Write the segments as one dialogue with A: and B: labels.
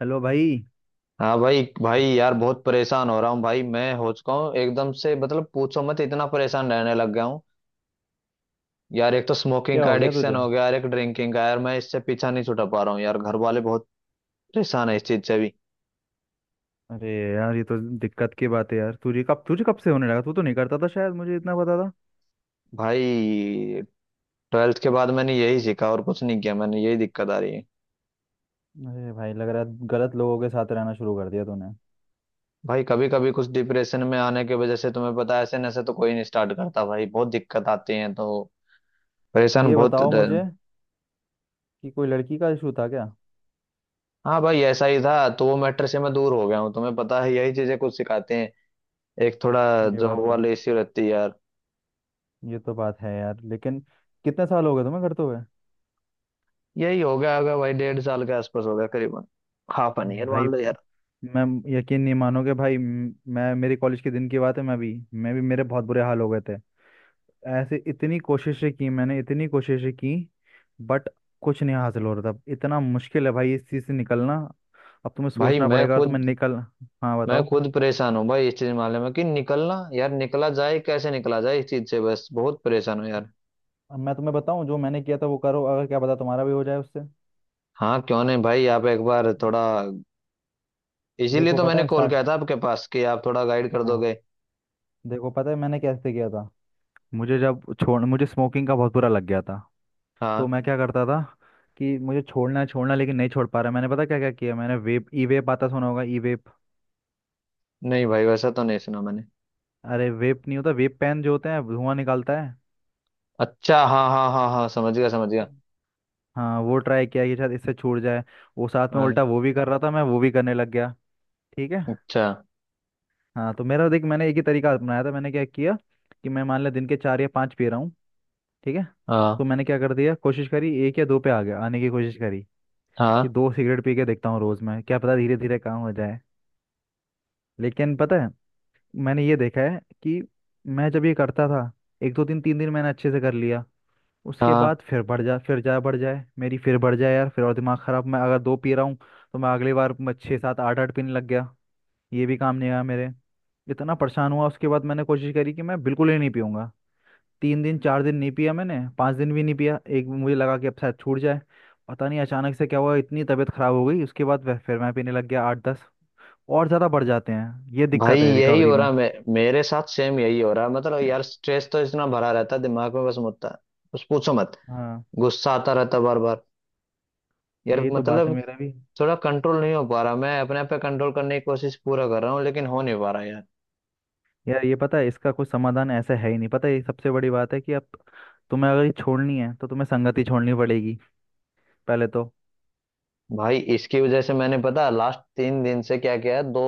A: Hello भाई।
B: हाँ भाई भाई यार, बहुत परेशान हो रहा हूँ भाई। मैं हो चुका हूँ एकदम से, मतलब पूछो मत, इतना परेशान रहने लग गया हूँ। यार एक तो स्मोकिंग
A: क्या
B: का
A: हो गया
B: एडिक्शन
A: तुझे?
B: हो गया यार, एक ड्रिंकिंग का। यार मैं इससे पीछा नहीं छुड़ा पा रहा हूँ यार, घर वाले बहुत परेशान है इस चीज से भी।
A: अरे यार, ये तो दिक्कत की बात है यार। तुझे कब से होने लगा? तू तो नहीं करता था, शायद मुझे इतना पता था।
B: भाई ट्वेल्थ के बाद मैंने यही सीखा और कुछ नहीं किया, मैंने यही दिक्कत आ रही है।
A: अरे भाई, लग रहा है गलत लोगों के साथ रहना शुरू कर दिया तूने।
B: भाई कभी कभी कुछ डिप्रेशन में आने की वजह से, तुम्हें पता है ऐसे नशे तो कोई नहीं स्टार्ट करता भाई, बहुत दिक्कत आती है तो परेशान
A: ये
B: बहुत
A: बताओ मुझे कि कोई लड़की का इशू था क्या?
B: हाँ भाई ऐसा ही था, तो वो मैटर से मैं दूर हो गया हूँ। तुम्हें पता है यही चीजें कुछ सिखाते हैं। एक थोड़ा
A: ये
B: जॉब
A: बात तो
B: वाले इश्यू रहती है यार।
A: ये तो बात है यार, लेकिन कितने साल हो गए तुम्हें करते हुए?
B: यही हो गया होगा भाई, डेढ़ साल के आसपास होगा करीबन, हाफ एन ईयर
A: भाई,
B: मान लो यार।
A: मैं यकीन नहीं मानोगे भाई, मैं, मेरे कॉलेज के दिन की बात है, मैं भी मेरे बहुत बुरे हाल हो गए थे। ऐसे इतनी कोशिशें की मैंने, इतनी कोशिशें की, बट कुछ नहीं हासिल हो रहा था। इतना मुश्किल है भाई इस चीज़ से निकलना। अब तुम्हें
B: भाई
A: सोचना
B: मैं
A: पड़ेगा और तुम्हें
B: खुद,
A: निकल। हाँ
B: मैं
A: बताओ।
B: खुद परेशान हूँ भाई इस चीज मामले में, कि निकलना यार, निकला जाए कैसे, निकला जाए इस चीज से, बस बहुत परेशान हूँ यार।
A: अब मैं तुम्हें बताऊं, जो मैंने किया था वो करो, अगर क्या पता तुम्हारा भी हो जाए उससे।
B: हाँ क्यों नहीं भाई, आप एक बार थोड़ा, इसीलिए
A: देखो
B: तो
A: पता
B: मैंने
A: है
B: कॉल
A: स्टार्ट।
B: किया था आपके पास कि आप थोड़ा गाइड कर
A: हाँ,
B: दोगे।
A: देखो पता है मैंने कैसे किया था। मुझे जब छोड़ मुझे स्मोकिंग का बहुत बुरा लग गया था। तो
B: हाँ।
A: मैं क्या करता था कि मुझे छोड़ना है, लेकिन नहीं छोड़ पा रहा। मैंने पता क्या क्या किया मैंने, वेप ई वेप आता सुना होगा? ई वेप?
B: नहीं भाई वैसा तो नहीं सुना मैंने।
A: अरे वेप नहीं होता, वेप पेन जो होते हैं, धुआं निकालता है।
B: अच्छा हाँ हाँ हाँ हाँ, समझ गया समझ गया।
A: हाँ, वो ट्राई किया कि शायद इससे छूट जाए। वो साथ में
B: हाँ।
A: उल्टा वो भी कर रहा था, मैं वो भी करने लग गया। ठीक है।
B: अच्छा।
A: हाँ तो मेरा देख, मैंने एक ही तरीका अपनाया था। मैंने क्या किया कि मैं, मान लिया दिन के चार या पाँच पी रहा हूँ। ठीक है। तो
B: हाँ
A: मैंने क्या कर दिया, कोशिश करी, एक या दो पे आ गया, आने की कोशिश करी कि
B: हाँ।
A: दो सिगरेट पी के देखता हूँ रोज़ में, क्या पता धीरे धीरे काम हो जाए। लेकिन पता है, मैंने ये देखा है कि मैं जब ये करता था, एक दो दिन तीन दिन मैंने अच्छे से कर लिया। उसके
B: हाँ
A: बाद फिर बढ़ जा फिर जा बढ़ जाए, मेरी फिर बढ़ जाए यार, फिर और दिमाग खराब। मैं अगर दो पी रहा हूँ तो मैं अगली बार मैं छः सात आठ आठ पीने लग गया। ये भी काम नहीं आया मेरे। इतना परेशान हुआ, उसके बाद मैंने कोशिश करी कि मैं बिल्कुल ही नहीं पीऊंगा। तीन दिन चार दिन नहीं पिया, मैंने 5 दिन भी नहीं पिया, एक मुझे लगा कि अब शायद छूट जाए। पता नहीं अचानक से क्या हुआ, इतनी तबीयत खराब हो गई। उसके बाद फिर मैं पीने लग गया आठ दस, और ज़्यादा बढ़ जाते हैं। ये
B: भाई
A: दिक्कत है
B: यही
A: रिकवरी
B: हो
A: में।
B: रहा मेरे साथ, सेम यही हो रहा, मतलब यार स्ट्रेस तो इतना भरा रहता है दिमाग में, बस मुद्दा, बस पूछो मत।
A: हाँ,
B: गुस्सा आता रहता बार बार। यार
A: यही तो बात है
B: मतलब
A: मेरा भी।
B: थोड़ा कंट्रोल नहीं हो पा रहा, मैं अपने आप पे कंट्रोल करने की कोशिश पूरा कर रहा हूँ लेकिन हो नहीं पा रहा यार।
A: यार ये पता है, इसका कोई समाधान ऐसा है ही नहीं। पता है, ये सबसे बड़ी बात है कि अब तुम्हें अगर ये छोड़नी है तो तुम्हें संगति छोड़नी पड़ेगी पहले तो।
B: भाई इसकी वजह से मैंने पता लास्ट 3 दिन से क्या किया है, दो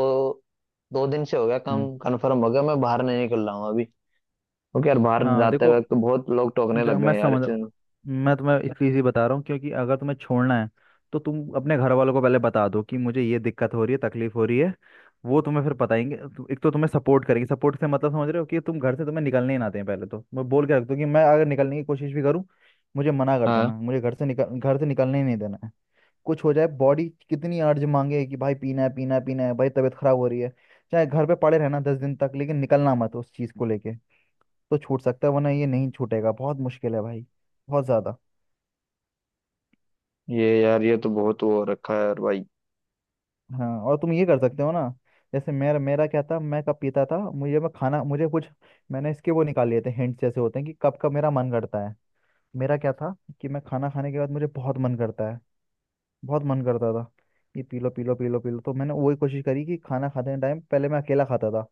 B: दो दिन से हो गया कम,
A: हम्म।
B: कंफर्म हो गया, मैं बाहर नहीं निकल रहा हूँ अभी, क्योंकि यार बाहर
A: हाँ
B: जाते
A: देखो,
B: वक्त तो बहुत लोग टोकने लग
A: मैं
B: गए यार इस
A: समझ रहा
B: चीज़ में।
A: हूँ। मैं तुम्हें इसलिए ही बता रहा हूँ क्योंकि अगर तुम्हें छोड़ना है तो तुम अपने घर वालों को पहले बता दो कि मुझे ये दिक्कत हो रही है, तकलीफ हो रही है। वो तुम्हें फिर बताएंगे तो- एक तो तुम्हें सपोर्ट करेंगे। सपोर्ट से मतलब समझ रहे हो कि तुम घर से, तुम्हें निकलने ही ना दें पहले तो, मैं बोल के रख दो कि मैं अगर निकलने की कोशिश भी करूँ, मुझे मना कर देना।
B: हाँ,
A: मुझे घर से निकल घर से निकलने ही नहीं देना है। कुछ हो जाए, बॉडी कितनी अर्ज मांगे कि भाई पीना है पीना है पीना है, भाई तबीयत खराब हो रही है, चाहे घर पे पड़े रहना 10 दिन तक, लेकिन निकलना मत उस चीज को लेके। तो छूट सकता है, वरना ये नहीं छूटेगा। बहुत मुश्किल है भाई, बहुत ज्यादा।
B: ये यार, ये तो बहुत वो हो रखा है यार भाई।
A: हाँ, और तुम ये कर सकते हो ना। जैसे मेरा मेरा क्या था, मैं कब पीता था, मुझे मैं खाना मुझे कुछ मैंने इसके वो निकाल लिए थे, हिंट्स जैसे होते हैं, कि कब कब मेरा मन करता है। मेरा क्या था कि मैं खाना खाने के बाद मुझे बहुत मन करता है, बहुत मन करता था कि पी लो पी लो पी लो पी लो। तो मैंने वही कोशिश करी कि खाना खाते टाइम, पहले मैं अकेला खाता था,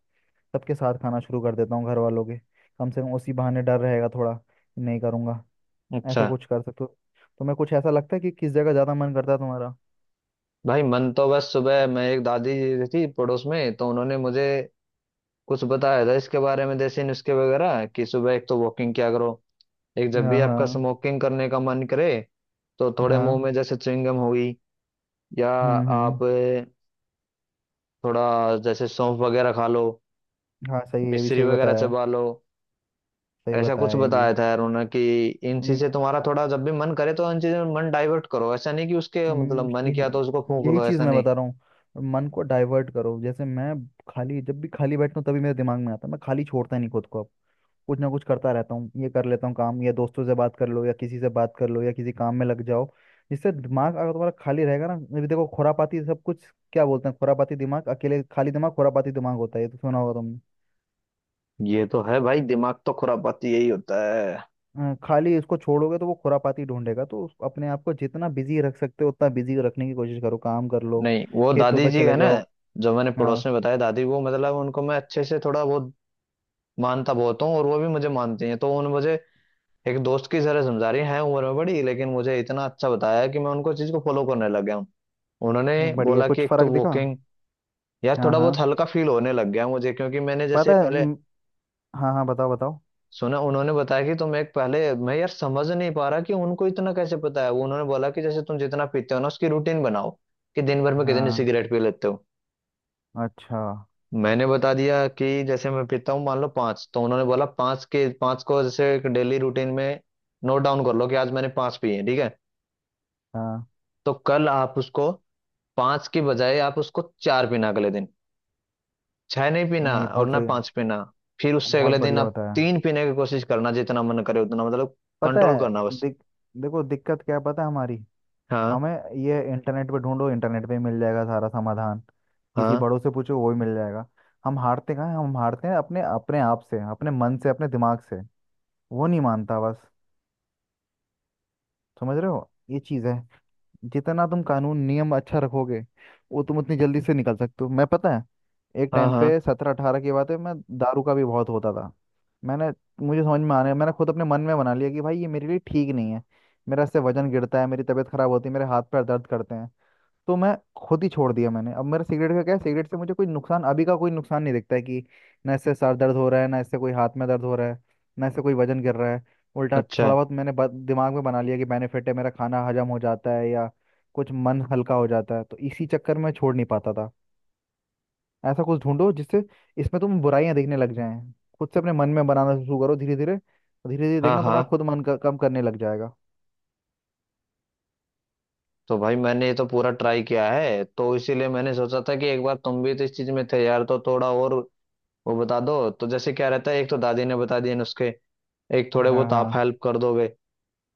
A: सबके साथ खाना शुरू कर देता हूँ घर वालों के, कम से कम उसी बहाने डर रहेगा थोड़ा कि नहीं करूँगा। ऐसा
B: अच्छा।
A: कुछ कर सकते हो? तुम्हें कुछ ऐसा लगता है कि किस जगह ज़्यादा मन करता है तुम्हारा?
B: भाई मन तो बस, सुबह मैं, एक दादी जी थी पड़ोस में तो उन्होंने मुझे कुछ बताया था इसके बारे में, देसी नुस्खे वगैरह कि सुबह एक तो वॉकिंग किया करो। एक जब भी
A: हाँ
B: आपका
A: हाँ
B: स्मोकिंग करने का मन करे, तो थोड़े मुंह
A: हाँ।
B: में जैसे च्युइंगम हो गई, या
A: हम्म।
B: आप थोड़ा जैसे सौंफ वगैरह खा लो,
A: हाँ सही है, ये भी
B: मिश्री
A: सही
B: वगैरह
A: बताया है।
B: चबा लो।
A: सही
B: ऐसा कुछ
A: बताया ये भी।
B: बताया था यार उन्होंने, कि इन
A: हम्म।
B: चीजें तुम्हारा थोड़ा
A: अ-
B: जब भी मन करे तो इन चीजों में मन डाइवर्ट करो, ऐसा नहीं कि उसके मतलब मन
A: यही
B: किया तो उसको फूंक
A: यही
B: लो,
A: चीज़
B: ऐसा
A: मैं
B: नहीं।
A: बता रहा हूँ। मन को डाइवर्ट करो। जैसे मैं खाली, जब भी खाली बैठता हूँ तभी मेरे दिमाग में आता है, मैं खाली छोड़ता ही नहीं खुद को, कुछ ना कुछ करता रहता हूँ, ये कर लेता हूँ काम, या दोस्तों से बात कर लो, या किसी से बात कर लो, या किसी काम में लग जाओ। जिससे दिमाग, अगर तुम्हारा खाली रहेगा ना, अभी देखो खुरापाती सब कुछ, क्या बोलते हैं खुरापाती दिमाग, अकेले खाली दिमाग खुरापाती दिमाग होता है, ये तो सुना होगा तुमने।
B: ये तो है भाई, दिमाग तो खुरापाती यही होता है।
A: खाली इसको छोड़ोगे तो वो खुरापाती ढूंढेगा, तो अपने आप को जितना बिजी रख सकते हो उतना बिजी रखने की कोशिश करो। काम कर लो,
B: नहीं वो
A: खेतों
B: दादी
A: पे
B: जी है
A: चले
B: ना,
A: जाओ।
B: जो मैंने पड़ोस
A: हाँ
B: में बताया, दादी, वो मतलब उनको मैं अच्छे से थोड़ा बहुत मानता बहुत हूँ और वो भी मुझे मानती हैं। तो उन्होंने मुझे एक दोस्त की तरह समझा रही हैं, उम्र में बड़ी लेकिन मुझे इतना अच्छा बताया कि मैं उनको चीज को फॉलो करने लग गया हूँ।
A: ये
B: उन्होंने
A: बढ़िया,
B: बोला कि
A: कुछ
B: एक तो
A: फर्क दिखा?
B: वॉकिंग, यार
A: हाँ
B: थोड़ा बहुत
A: हाँ।
B: हल्का फील होने लग गया मुझे, क्योंकि मैंने जैसे
A: पता है
B: पहले
A: म, हाँ हाँ, बताओ बताओ।
B: सुना, उन्होंने बताया कि तुम एक, पहले, मैं यार समझ नहीं पा रहा कि उनको इतना कैसे पता है। वो उन्होंने बोला कि जैसे तुम जितना पीते हो ना, उसकी रूटीन बनाओ, कि दिन भर में कितने
A: हाँ।
B: सिगरेट पी लेते हो।
A: अच्छा।
B: मैंने बता दिया कि जैसे मैं पीता हूँ मान लो पांच, तो उन्होंने बोला पांच के पांच को जैसे एक डेली रूटीन में नोट डाउन कर लो कि आज मैंने पांच पी है, ठीक है।
A: हाँ।
B: तो कल आप उसको पांच की बजाय आप उसको चार पीना अगले दिन, छह नहीं पीना
A: नहीं,
B: और
A: बहुत
B: ना
A: सही है।
B: पांच पीना। फिर उससे
A: बहुत
B: अगले दिन
A: बढ़िया
B: आप
A: बताया।
B: तीन पीने की कोशिश करना, जितना मन करे उतना, मतलब
A: पता
B: कंट्रोल करना
A: है
B: बस।
A: दिक, देखो दिक्कत क्या है पता है हमारी,
B: हाँ
A: हमें, ये इंटरनेट पे ढूंढो, इंटरनेट पे ही मिल जाएगा सारा समाधान, किसी
B: हाँ
A: बड़ों से पूछो वो ही मिल जाएगा। हम हारते कहाँ हैं? हम हारते हैं अपने अपने आप से, अपने मन से, अपने दिमाग से। वो नहीं मानता बस। समझ रहे हो, ये चीज़ है। जितना तुम कानून नियम अच्छा रखोगे, वो तुम उतनी जल्दी से निकल सकते हो। मैं, पता है, एक
B: हाँ
A: टाइम
B: हाँ।
A: पे 17-18 की बात है, मैं दारू का भी बहुत होता था। मैंने मुझे समझ में आने मैंने खुद अपने मन में बना लिया कि भाई ये मेरे लिए ठीक नहीं है। मेरा इससे वजन गिरता है, मेरी तबीयत खराब होती है, मेरे हाथ पैर दर्द करते हैं। तो मैं खुद ही छोड़ दिया मैंने। अब मेरा सिगरेट का क्या है, सिगरेट से मुझे कोई नुकसान, अभी का कोई नुकसान नहीं दिखता है, कि ना इससे सर दर्द हो रहा है, ना इससे कोई हाथ में दर्द हो रहा है, ना इससे कोई वजन गिर रहा है। उल्टा
B: अच्छा।
A: थोड़ा बहुत मैंने दिमाग में बना लिया कि बेनिफिट है, मेरा खाना हजम हो जाता है, या कुछ मन हल्का हो जाता है। तो इसी चक्कर में छोड़ नहीं पाता था। ऐसा कुछ ढूंढो जिससे इसमें तुम बुराइयां देखने लग जाएं। खुद से अपने मन में बनाना शुरू करो धीरे धीरे, धीरे धीरे
B: हाँ
A: देखना तुम्हारा
B: हाँ।
A: खुद मन कम करने लग जाएगा।
B: तो भाई मैंने ये तो पूरा ट्राई किया है, तो इसीलिए मैंने सोचा था कि एक बार तुम भी तो इस चीज में थे यार, तो थोड़ा और वो बता दो तो, जैसे क्या रहता है। एक तो दादी ने बता दिया नुस्खे, एक थोड़े
A: हाँ
B: बहुत आप
A: हाँ।
B: हेल्प कर दोगे,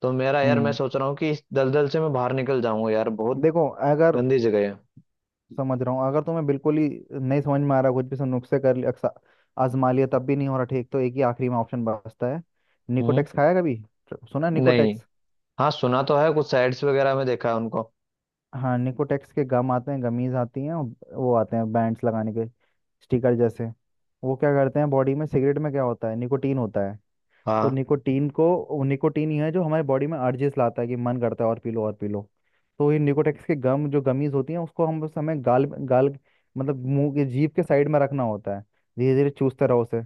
B: तो मेरा यार, मैं
A: हम्म।
B: सोच रहा हूँ कि इस दलदल से मैं बाहर निकल जाऊंगा यार, बहुत
A: देखो अगर,
B: गंदी जगह है।
A: समझ रहा हूँ, अगर तुम्हें बिल्कुल ही नहीं समझ में आ रहा कुछ भी, सब नुस्खे कर लिया, आजमा लिया, तब भी नहीं हो रहा ठीक, तो एक ही आखिरी में ऑप्शन बचता है।
B: हम्म।
A: निकोटेक्स खाया कभी? सुना है
B: नहीं।
A: निकोटेक्स?
B: हाँ सुना तो है, कुछ साइट्स वगैरह में देखा है उनको।
A: हाँ, निकोटेक्स के गम आते हैं, गमीज आती हैं, और वो आते हैं बैंड्स लगाने के, स्टिकर जैसे। वो क्या करते हैं बॉडी में, सिगरेट में क्या होता है, निकोटीन होता है। तो
B: हाँ।
A: निकोटीन को, वो निकोटीन ही है जो हमारे बॉडी में अर्जेस लाता है कि मन करता है और पी लो और पी लो। तो ये निकोटेक्स के गम जो गमीज होती हैं, उसको हम बस, हमें गाल गाल मतलब मुंह के जीभ के साइड में रखना होता है। धीरे धीरे चूसते रहो उसे,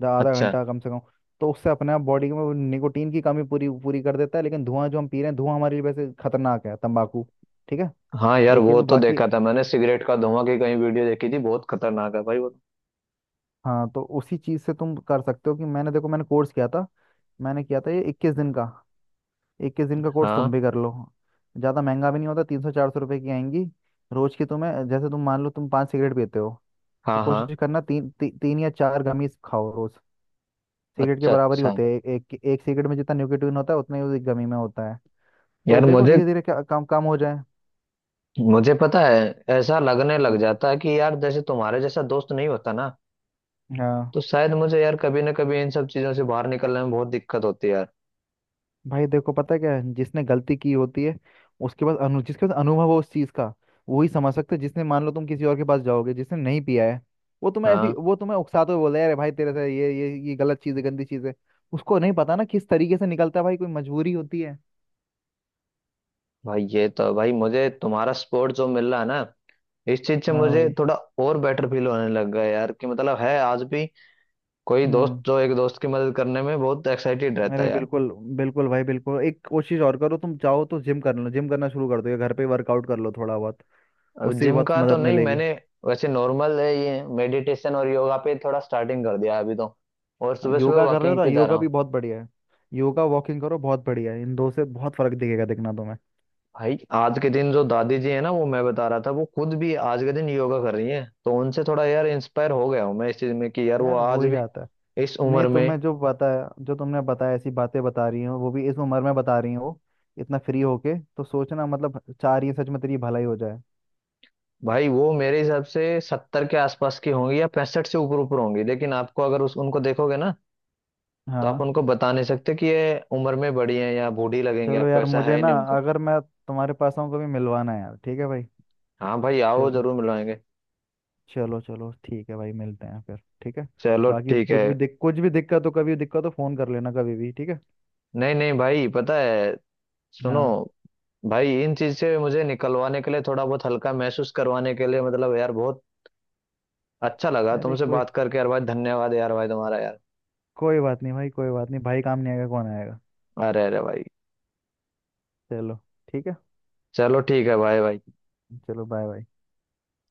A: आधा
B: अच्छा।
A: घंटा कम से कम। तो उससे अपने आप बॉडी में वो निकोटीन की कमी पूरी पूरी कर देता है। लेकिन धुआं जो हम पी रहे हैं, धुआं हमारे लिए वैसे खतरनाक है, तंबाकू। ठीक है।
B: हाँ यार वो
A: लेकिन
B: तो
A: बाकी,
B: देखा था मैंने, सिगरेट का धुआं की कहीं वीडियो देखी थी, बहुत खतरनाक है भाई वो।
A: हाँ, तो उसी चीज़ से तुम कर सकते हो, कि मैंने, देखो मैंने कोर्स किया था, मैंने किया था ये 21 दिन का, 21 दिन का कोर्स तुम
B: हाँ
A: भी कर लो। ज़्यादा महंगा भी नहीं होता, 300-400 रुपये की आएंगी रोज की। तुम्हें जैसे तुम मान लो तुम पांच सिगरेट पीते हो, तो
B: हाँ हाँ।
A: कोशिश करना तीन या चार गमीज खाओ रोज। सिगरेट के
B: अच्छा
A: बराबर ही
B: अच्छा।
A: होते हैं, एक एक सिगरेट में जितना निकोटीन होता है उतना ही उस गमी में होता है। तो
B: यार
A: देखो
B: मुझे,
A: धीरे धीरे क्या काम काम हो जाए।
B: मुझे पता है, ऐसा लगने लग जाता है कि यार जैसे तुम्हारे जैसा दोस्त नहीं होता ना,
A: हाँ
B: तो शायद मुझे यार कभी ना कभी इन सब चीजों से बाहर निकलने में बहुत दिक्कत होती है यार।
A: भाई। देखो पता है क्या है, जिसने गलती की होती है, उसके पास अनु जिसके पास अनुभव हो उस चीज का, वही समझ सकते है। जिसने, मान लो तुम किसी और के पास जाओगे जिसने नहीं पिया है, वो तुम्हें ऐसी,
B: हाँ
A: वो तुम्हें उकसाते हुए बोले, अरे भाई तेरे से ये ये गलत चीज है, गंदी चीज है। उसको नहीं पता ना किस तरीके से निकलता है, भाई कोई मजबूरी होती है।
B: भाई, ये तो भाई मुझे तुम्हारा सपोर्ट जो मिल रहा है ना इस चीज से,
A: हाँ
B: मुझे
A: भाई।
B: थोड़ा और बेटर फील होने लग गया यार, कि मतलब है आज भी कोई दोस्त
A: हम्म।
B: जो एक दोस्त की मदद करने में बहुत एक्साइटेड रहता
A: अरे
B: है यार।
A: बिल्कुल, बिल्कुल भाई बिल्कुल। एक कोशिश और करो, तुम चाहो तो जिम कर लो, जिम करना शुरू कर दो, या घर पे वर्कआउट कर लो थोड़ा बहुत,
B: अब
A: उससे भी
B: जिम
A: बहुत
B: का तो
A: मदद
B: नहीं
A: मिलेगी।
B: मैंने, वैसे नॉर्मल है, ये मेडिटेशन और योगा पे थोड़ा स्टार्टिंग कर दिया है अभी तो, और सुबह सुबह
A: योगा कर रहे हो
B: वॉकिंग
A: ना,
B: पे जा रहा
A: योगा भी
B: हूँ।
A: बहुत बढ़िया है। योगा वॉकिंग करो, बहुत बढ़िया है, इन दो से बहुत फर्क दिखेगा, दिखना तुम्हें।
B: भाई आज के दिन जो दादी जी है ना, वो मैं बता रहा था, वो खुद भी आज के दिन योगा कर रही हैं, तो उनसे थोड़ा यार इंस्पायर हो गया हूँ मैं इस चीज में कि यार वो
A: यार हो
B: आज
A: ही
B: भी
A: जाता है।
B: इस
A: नहीं,
B: उम्र में।
A: तुम्हें जो पता है, जो तुमने बताया, ऐसी बातें बता रही हो वो भी इस उम्र में बता रही हो, इतना फ्री होके तो सोचना मतलब, चाह रही है सच में तेरी भलाई हो जाए।
B: भाई वो मेरे हिसाब से 70 के आसपास की होंगी या 65 से ऊपर ऊपर होंगी, लेकिन आपको अगर उस उनको देखोगे ना, तो आप
A: हाँ।
B: उनको बता नहीं सकते कि ये उम्र में बड़ी हैं या बूढ़ी लगेंगे
A: चलो
B: आपको,
A: यार,
B: ऐसा है
A: मुझे
B: ही
A: ना,
B: नहीं उनका।
A: अगर मैं तुम्हारे पास आऊँ कभी, मिलवाना है यार, ठीक है भाई।
B: हाँ भाई आओ
A: चलो,
B: जरूर मिलवाएंगे।
A: चलो चलो ठीक है भाई, मिलते हैं फिर। ठीक है।
B: चलो
A: बाकी
B: ठीक है।
A: कुछ भी दिक्कत हो, कभी दिक्कत हो फोन कर लेना, कभी भी ठीक है।
B: नहीं नहीं भाई, पता है, सुनो
A: हाँ।
B: भाई, इन चीज से मुझे निकलवाने के लिए, थोड़ा बहुत हल्का महसूस करवाने के लिए, मतलब यार बहुत अच्छा लगा
A: अरे
B: तुमसे
A: कोई,
B: बात करके यार भाई, धन्यवाद यार भाई तुम्हारा यार।
A: कोई बात नहीं भाई, कोई बात नहीं भाई, काम नहीं आएगा कौन आएगा।
B: अरे अरे भाई।
A: चलो ठीक है।
B: चलो ठीक है भाई भाई।
A: चलो बाय बाय।